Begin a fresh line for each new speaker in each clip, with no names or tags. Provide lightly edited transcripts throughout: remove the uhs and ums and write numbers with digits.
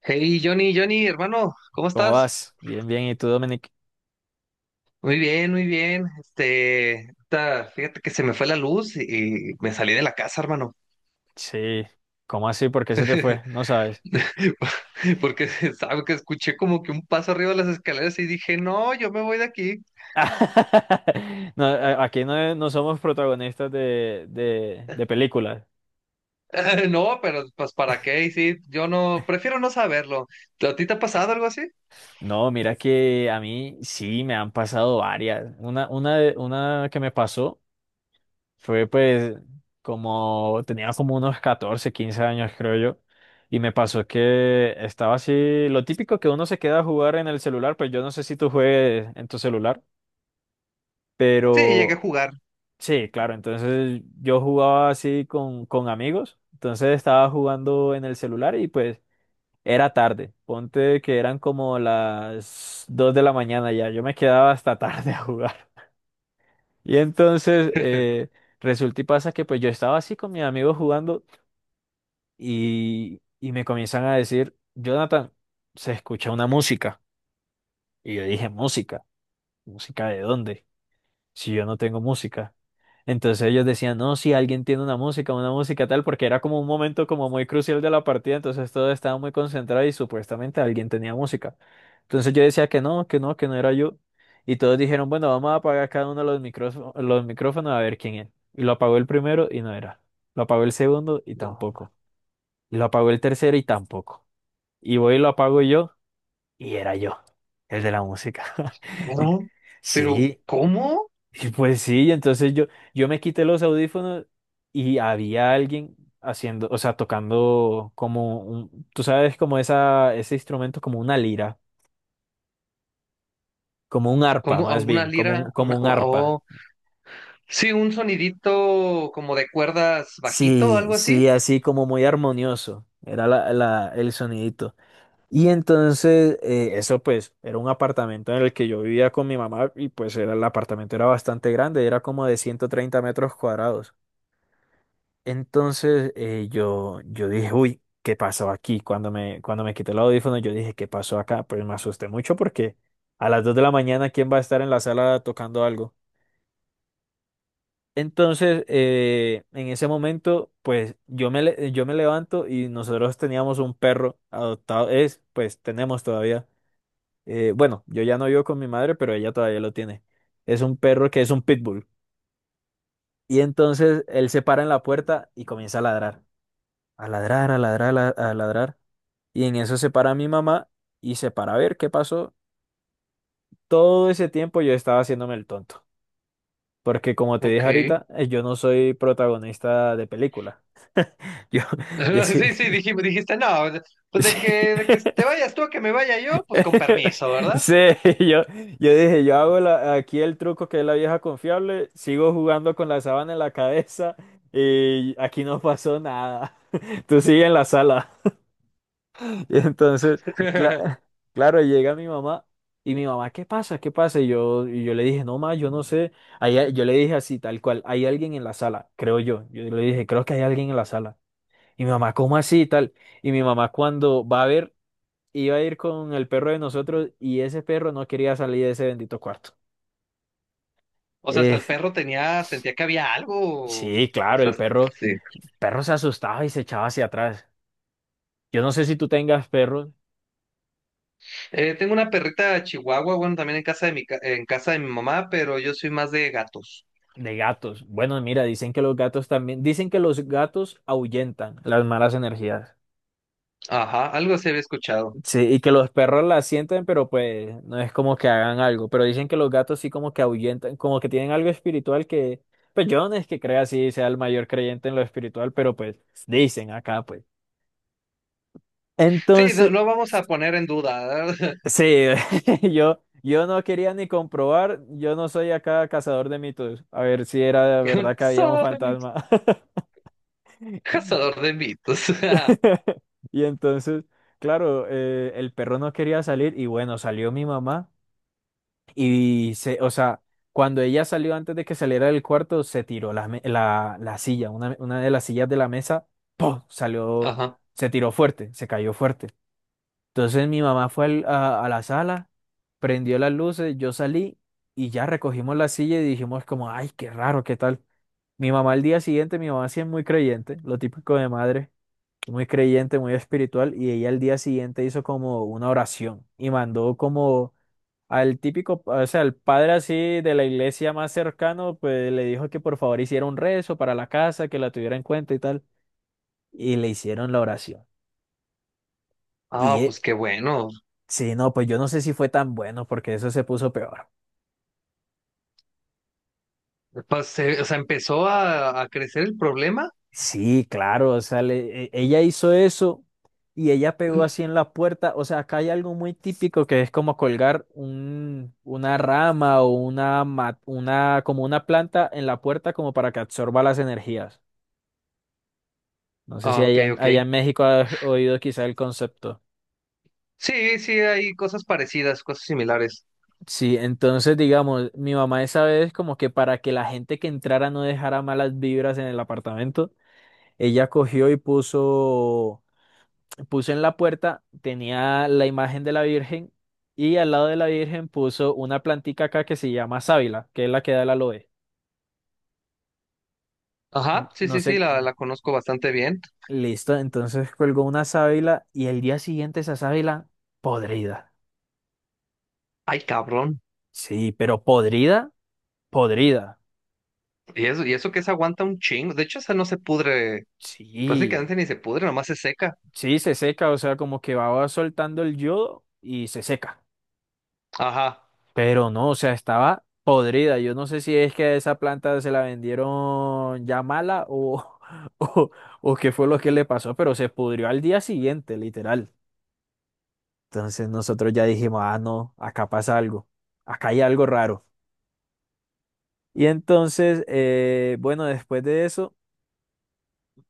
Hey, Johnny, Johnny, hermano, ¿cómo
¿Cómo
estás?
vas? Bien, bien. ¿Y tú, Dominic?
Muy bien, muy bien. Ahorita, fíjate que se me fue la luz y me salí de la casa, hermano.
Sí. ¿Cómo así? ¿Por qué se te fue? No sabes.
Porque, ¿sabes? Que escuché como que un paso arriba de las escaleras y dije, no, yo me voy de aquí.
No, aquí no, no somos protagonistas de películas.
No, pero pues, ¿para qué? Y sí, yo no, prefiero no saberlo. ¿A ti te ha pasado algo así?
No, mira que a mí sí me han pasado varias. Una que me pasó fue pues como tenía como unos 14 15 años creo yo. Y me pasó que estaba así, lo típico que uno se queda a jugar en el celular, pues yo no sé si tú juegues en tu celular.
Sí, llegué a
Pero
jugar.
sí, claro, entonces yo jugaba así con amigos, entonces estaba jugando en el celular y pues era tarde, ponte que eran como las 2 de la mañana ya, yo me quedaba hasta tarde a jugar. Y entonces resulta y pasa que pues yo estaba así con mis amigos jugando y me comienzan a decir, Jonathan, se escucha una música. Y yo dije, ¿música? ¿Música de dónde? Si yo no tengo música. Entonces ellos decían, no, si alguien tiene una música tal, porque era como un momento como muy crucial de la partida, entonces todo estaba muy concentrado y supuestamente alguien tenía música. Entonces yo decía que no, que no, que no era yo. Y todos dijeron, bueno, vamos a apagar cada uno los micrófonos a ver quién es. Y lo apagó el primero y no era. Lo apagó el segundo y
No.
tampoco. Y lo apagó el tercero y tampoco. Y voy y lo apago yo y era yo, el de la música. Y-
No, pero
Sí,
¿cómo?
y pues sí, entonces yo me quité los audífonos y había alguien haciendo, o sea, tocando como un, tú sabes, como esa, ese instrumento, como una lira, como un arpa,
¿Cómo? ¿A
más
una
bien,
lira?
como
Una,
un arpa.
oh, sí, un sonidito como de cuerdas bajito,
Sí,
algo así.
sí, así como muy armonioso, era el sonidito. Y entonces, eso pues, era un apartamento en el que yo vivía con mi mamá y pues era, el apartamento era bastante grande, era como de 130 metros cuadrados. Entonces yo dije, uy, ¿qué pasó aquí? Cuando me quité el audífono, yo dije, ¿qué pasó acá? Pero me asusté mucho porque a las 2 de la mañana, ¿quién va a estar en la sala tocando algo? Entonces, en ese momento, pues yo me levanto y nosotros teníamos un perro adoptado, es, pues tenemos todavía, bueno, yo ya no vivo con mi madre, pero ella todavía lo tiene. Es un perro que es un pitbull. Y entonces él se para en la puerta y comienza a ladrar, a ladrar, a ladrar, a ladrar. Y en eso se para mi mamá y se para a ver qué pasó. Todo ese tiempo yo estaba haciéndome el tonto. Porque como te dije
Ok.
ahorita, yo no soy protagonista de película. Yo, yo sí.
Sí, sí, dijiste, no, pues de
Sí.
de que te vayas tú a que me vaya yo, pues con permiso, ¿verdad?
Sí, yo, yo dije, yo hago aquí el truco que es la vieja confiable, sigo jugando con la sábana en la cabeza y aquí no pasó nada. Tú sigue en la sala. Y entonces, cla- claro, llega mi mamá y mi mamá, ¿qué pasa? ¿Qué pasa? Y yo le dije, no, ma, yo no sé. Yo le dije así, tal cual, hay alguien en la sala, creo yo. Yo le dije, creo que hay alguien en la sala. Y mi mamá, ¿cómo así? Y tal. Y mi mamá, cuando va a ver, iba a ir con el perro de nosotros y ese perro no quería salir de ese bendito cuarto.
O sea, hasta
Eh,
el perro tenía, sentía que había algo. O
sí, claro,
sea, sí.
el perro se asustaba y se echaba hacia atrás. Yo no sé si tú tengas perros.
Tengo una perrita chihuahua, bueno, también en casa de mi, en casa de mi mamá, pero yo soy más de gatos.
De gatos. Bueno, mira, dicen que los gatos también, dicen que los gatos ahuyentan las malas energías.
Ajá, algo se había escuchado.
Sí, y que los perros las sienten, pero pues no es como que hagan algo. Pero dicen que los gatos sí como que ahuyentan, como que tienen algo espiritual que, pues yo no es que crea así, sea el mayor creyente en lo espiritual, pero pues dicen acá, pues.
Sí, no,
Entonces,
no vamos a poner en duda.
sí, yo no quería ni comprobar, yo no soy acá cazador de mitos, a ver si era de verdad que había un
Cazador de mitos.
fantasma.
Cazador de mitos.
Y entonces, claro, el perro no quería salir y bueno, salió mi mamá o sea, cuando ella salió antes de que saliera del cuarto, se tiró la silla, una de las sillas de la mesa, ¡pum! Salió,
Ajá.
se tiró fuerte, se cayó fuerte. Entonces mi mamá fue a la sala, prendió las luces, yo salí y ya recogimos la silla y dijimos como, ay, qué raro, qué tal. Mi mamá al día siguiente, mi mamá sí es muy creyente, lo típico de madre muy creyente, muy espiritual, y ella al día siguiente hizo como una oración y mandó como al típico, o sea, al padre así de la iglesia más cercano, pues le dijo que por favor hiciera un rezo para la casa, que la tuviera en cuenta y tal, y le hicieron la oración. Y
Ah, pues qué bueno.
sí, no, pues yo no sé si fue tan bueno porque eso se puso peor.
Pues, o sea, empezó a crecer el problema.
Sí, claro, o sea, ella hizo eso y ella pegó así en la puerta. O sea, acá hay algo muy típico que es como colgar una rama o una, como una planta en la puerta como para que absorba las energías. No sé si
Ah, ok,
allá, en
ok.
allá en México has oído quizá el concepto.
Sí, sí, hay cosas parecidas, cosas similares.
Sí, entonces digamos, mi mamá esa vez como que para que la gente que entrara no dejara malas vibras en el apartamento, ella cogió y puso puso en la puerta, tenía la imagen de la Virgen y al lado de la Virgen puso una plantica acá que se llama sábila, que es la que da el aloe.
Ajá, sí,
No
sí, sí,
sé,
la conozco bastante bien.
listo, entonces colgó una sábila y el día siguiente esa sábila podrida.
Ay, cabrón.
Sí, pero podrida, podrida.
Y eso que se aguanta un chingo. De hecho, esa no se pudre.
Sí,
Prácticamente ni se pudre, nomás se seca.
sí, se seca, o sea, como que va soltando el yodo y se seca.
Ajá,
Pero no, o sea, estaba podrida. Yo no sé si es que esa planta se la vendieron ya mala o, o qué fue lo que le pasó, pero se pudrió al día siguiente, literal. Entonces nosotros ya dijimos, ah, no, acá pasa algo, acá hay algo raro. Y entonces, bueno, después de eso...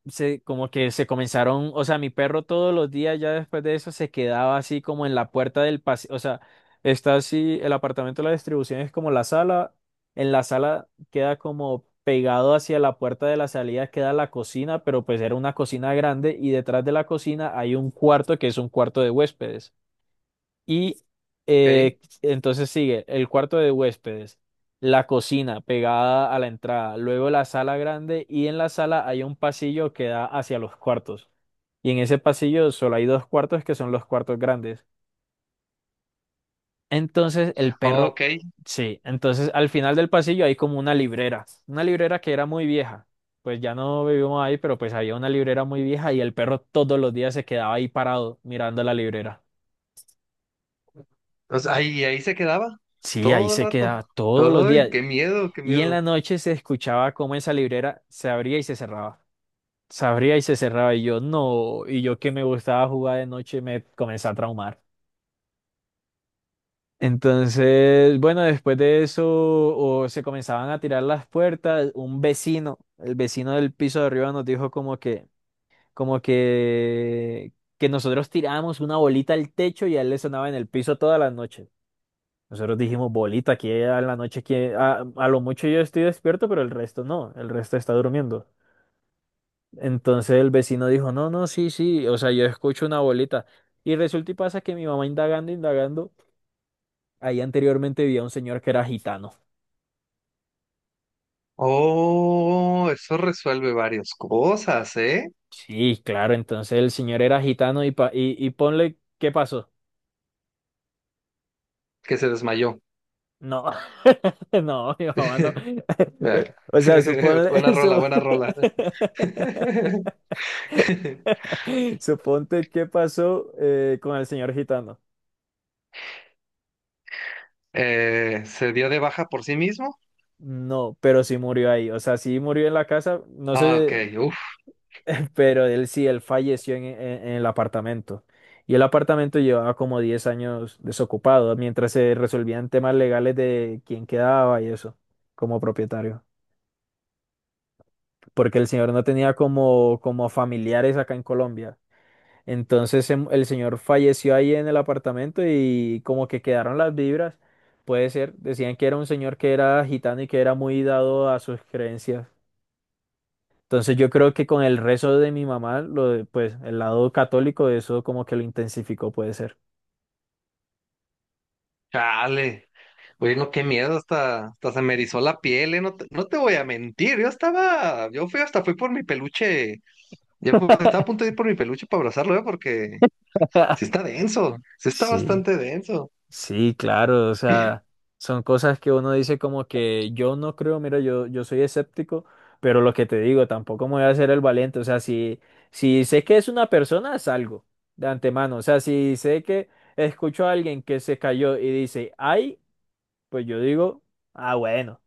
se, como que se comenzaron, o sea, mi perro todos los días ya después de eso se quedaba así como en la puerta del pasillo, o sea, está así, el apartamento de la distribución es como la sala, en la sala queda como pegado hacia la puerta de la salida queda la cocina, pero pues era una cocina grande y detrás de la cocina hay un cuarto que es un cuarto de huéspedes. Y
ok.
entonces sigue el cuarto de huéspedes, la cocina pegada a la entrada, luego la sala grande y en la sala hay un pasillo que da hacia los cuartos. Y en ese pasillo solo hay dos cuartos que son los cuartos grandes. Entonces el perro,
Ok.
sí, entonces al final del pasillo hay como una librera que era muy vieja. Pues ya no vivimos ahí, pero pues había una librera muy vieja y el perro todos los días se quedaba ahí parado mirando la librera.
O sea, ahí, ahí se quedaba
Sí, ahí
todo el
se
rato.
quedaba todos los
Ay,
días.
qué miedo, qué
Y en
miedo.
la noche se escuchaba cómo esa librera se abría y se cerraba. Se abría y se cerraba. Y yo no, y yo que me gustaba jugar de noche me comencé a traumar. Entonces, bueno, después de eso, o se comenzaban a tirar las puertas. Un vecino, el vecino del piso de arriba nos dijo como que nosotros tirábamos una bolita al techo y a él le sonaba en el piso toda la noche. Nosotros dijimos, bolita, aquí en la noche, aquí, a lo mucho yo estoy despierto, pero el resto no, el resto está durmiendo. Entonces el vecino dijo, no, no, sí, sí, o sea, yo escucho una bolita. Y resulta y pasa que mi mamá indagando, indagando, ahí anteriormente vivía un señor que era gitano.
Oh, eso resuelve varias cosas, ¿eh?
Sí, claro, entonces el señor era gitano y ponle, ¿qué pasó?
Que se desmayó.
No, no, mi mamá no. O sea, suponle,
Buena rola, buena rola.
suponte qué pasó con el señor gitano.
¿Se dio de baja por sí mismo?
No, pero sí murió ahí, o sea, sí murió en la casa, no
Ah, ok,
sé,
uf,
pero él sí, él falleció en el apartamento. Y el apartamento llevaba como 10 años desocupado, mientras se resolvían temas legales de quién quedaba y eso, como propietario. Porque el señor no tenía como, como familiares acá en Colombia. Entonces el señor falleció ahí en el apartamento y como que quedaron las vibras. Puede ser, decían que era un señor que era gitano y que era muy dado a sus creencias. Entonces yo creo que con el rezo de mi mamá, pues el lado católico, eso como que lo intensificó, puede ser.
chale. Oye, no, qué miedo, hasta, hasta se me erizó la piel, ¿eh? No te, no te voy a mentir, yo estaba, yo fui hasta fui por mi peluche, estaba a punto de ir por mi peluche para abrazarlo, ¿eh? Porque sí está denso, sí está
Sí,
bastante denso.
sí, claro, o sea, son cosas que uno dice como que yo no creo, mira, yo soy escéptico, pero lo que te digo, tampoco me voy a hacer el valiente, o sea, si sé que es una persona, salgo de antemano, o sea, si sé que escucho a alguien que se cayó y dice, ay, pues yo digo, ah, bueno,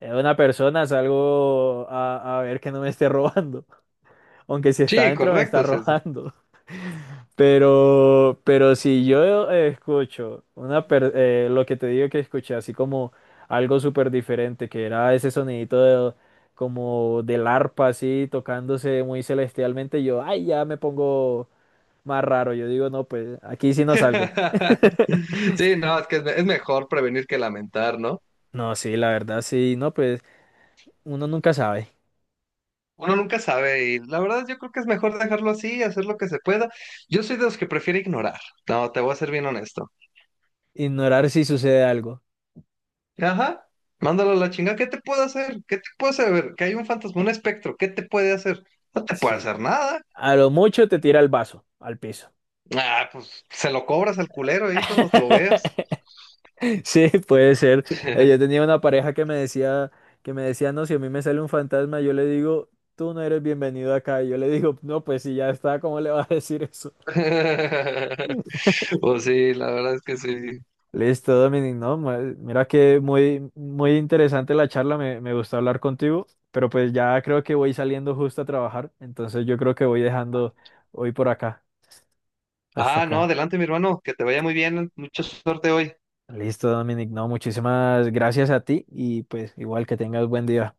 es una persona, salgo a ver que no me esté robando. Aunque si está
Sí,
adentro me está
correcto, sí es eso.
robando. Pero si yo escucho lo que te digo que escuché, así como algo súper diferente, que era ese sonidito como del arpa así tocándose muy celestialmente, yo, ay, ya me pongo más raro. Yo digo, no, pues aquí sí no salgo.
Sí, no, es que es, es mejor prevenir que lamentar, ¿no?
No, sí, la verdad, sí, no, pues uno nunca sabe.
Uno nunca sabe y la verdad yo creo que es mejor dejarlo así, hacer lo que se pueda. Yo soy de los que prefiere ignorar. No, te voy a ser bien honesto.
Ignorar si sucede algo.
Ajá, mándalo a la chingada. ¿Qué te puedo hacer? ¿Qué te puedo hacer? A ver, que hay un fantasma, un espectro. ¿Qué te puede hacer? No te puede
Sí.
hacer nada.
A lo mucho te tira el vaso al piso.
Ah, pues se lo cobras al culero ahí cuando te lo veas.
Sí, puede ser. Yo tenía una pareja que me decía, no, si a mí me sale un fantasma, yo le digo, tú no eres bienvenido acá. Y yo le digo, no, pues si ya está, ¿cómo le vas a decir eso?
Pues sí, la verdad es que sí.
Listo, Dominic, no, mira que muy interesante la charla, me gustó hablar contigo, pero pues ya creo que voy saliendo justo a trabajar, entonces yo creo que voy dejando hoy por acá, hasta
Ah, no,
acá.
adelante mi hermano, que te vaya muy bien, mucha suerte hoy.
Listo, Dominic, no, muchísimas gracias a ti y pues igual que tengas buen día.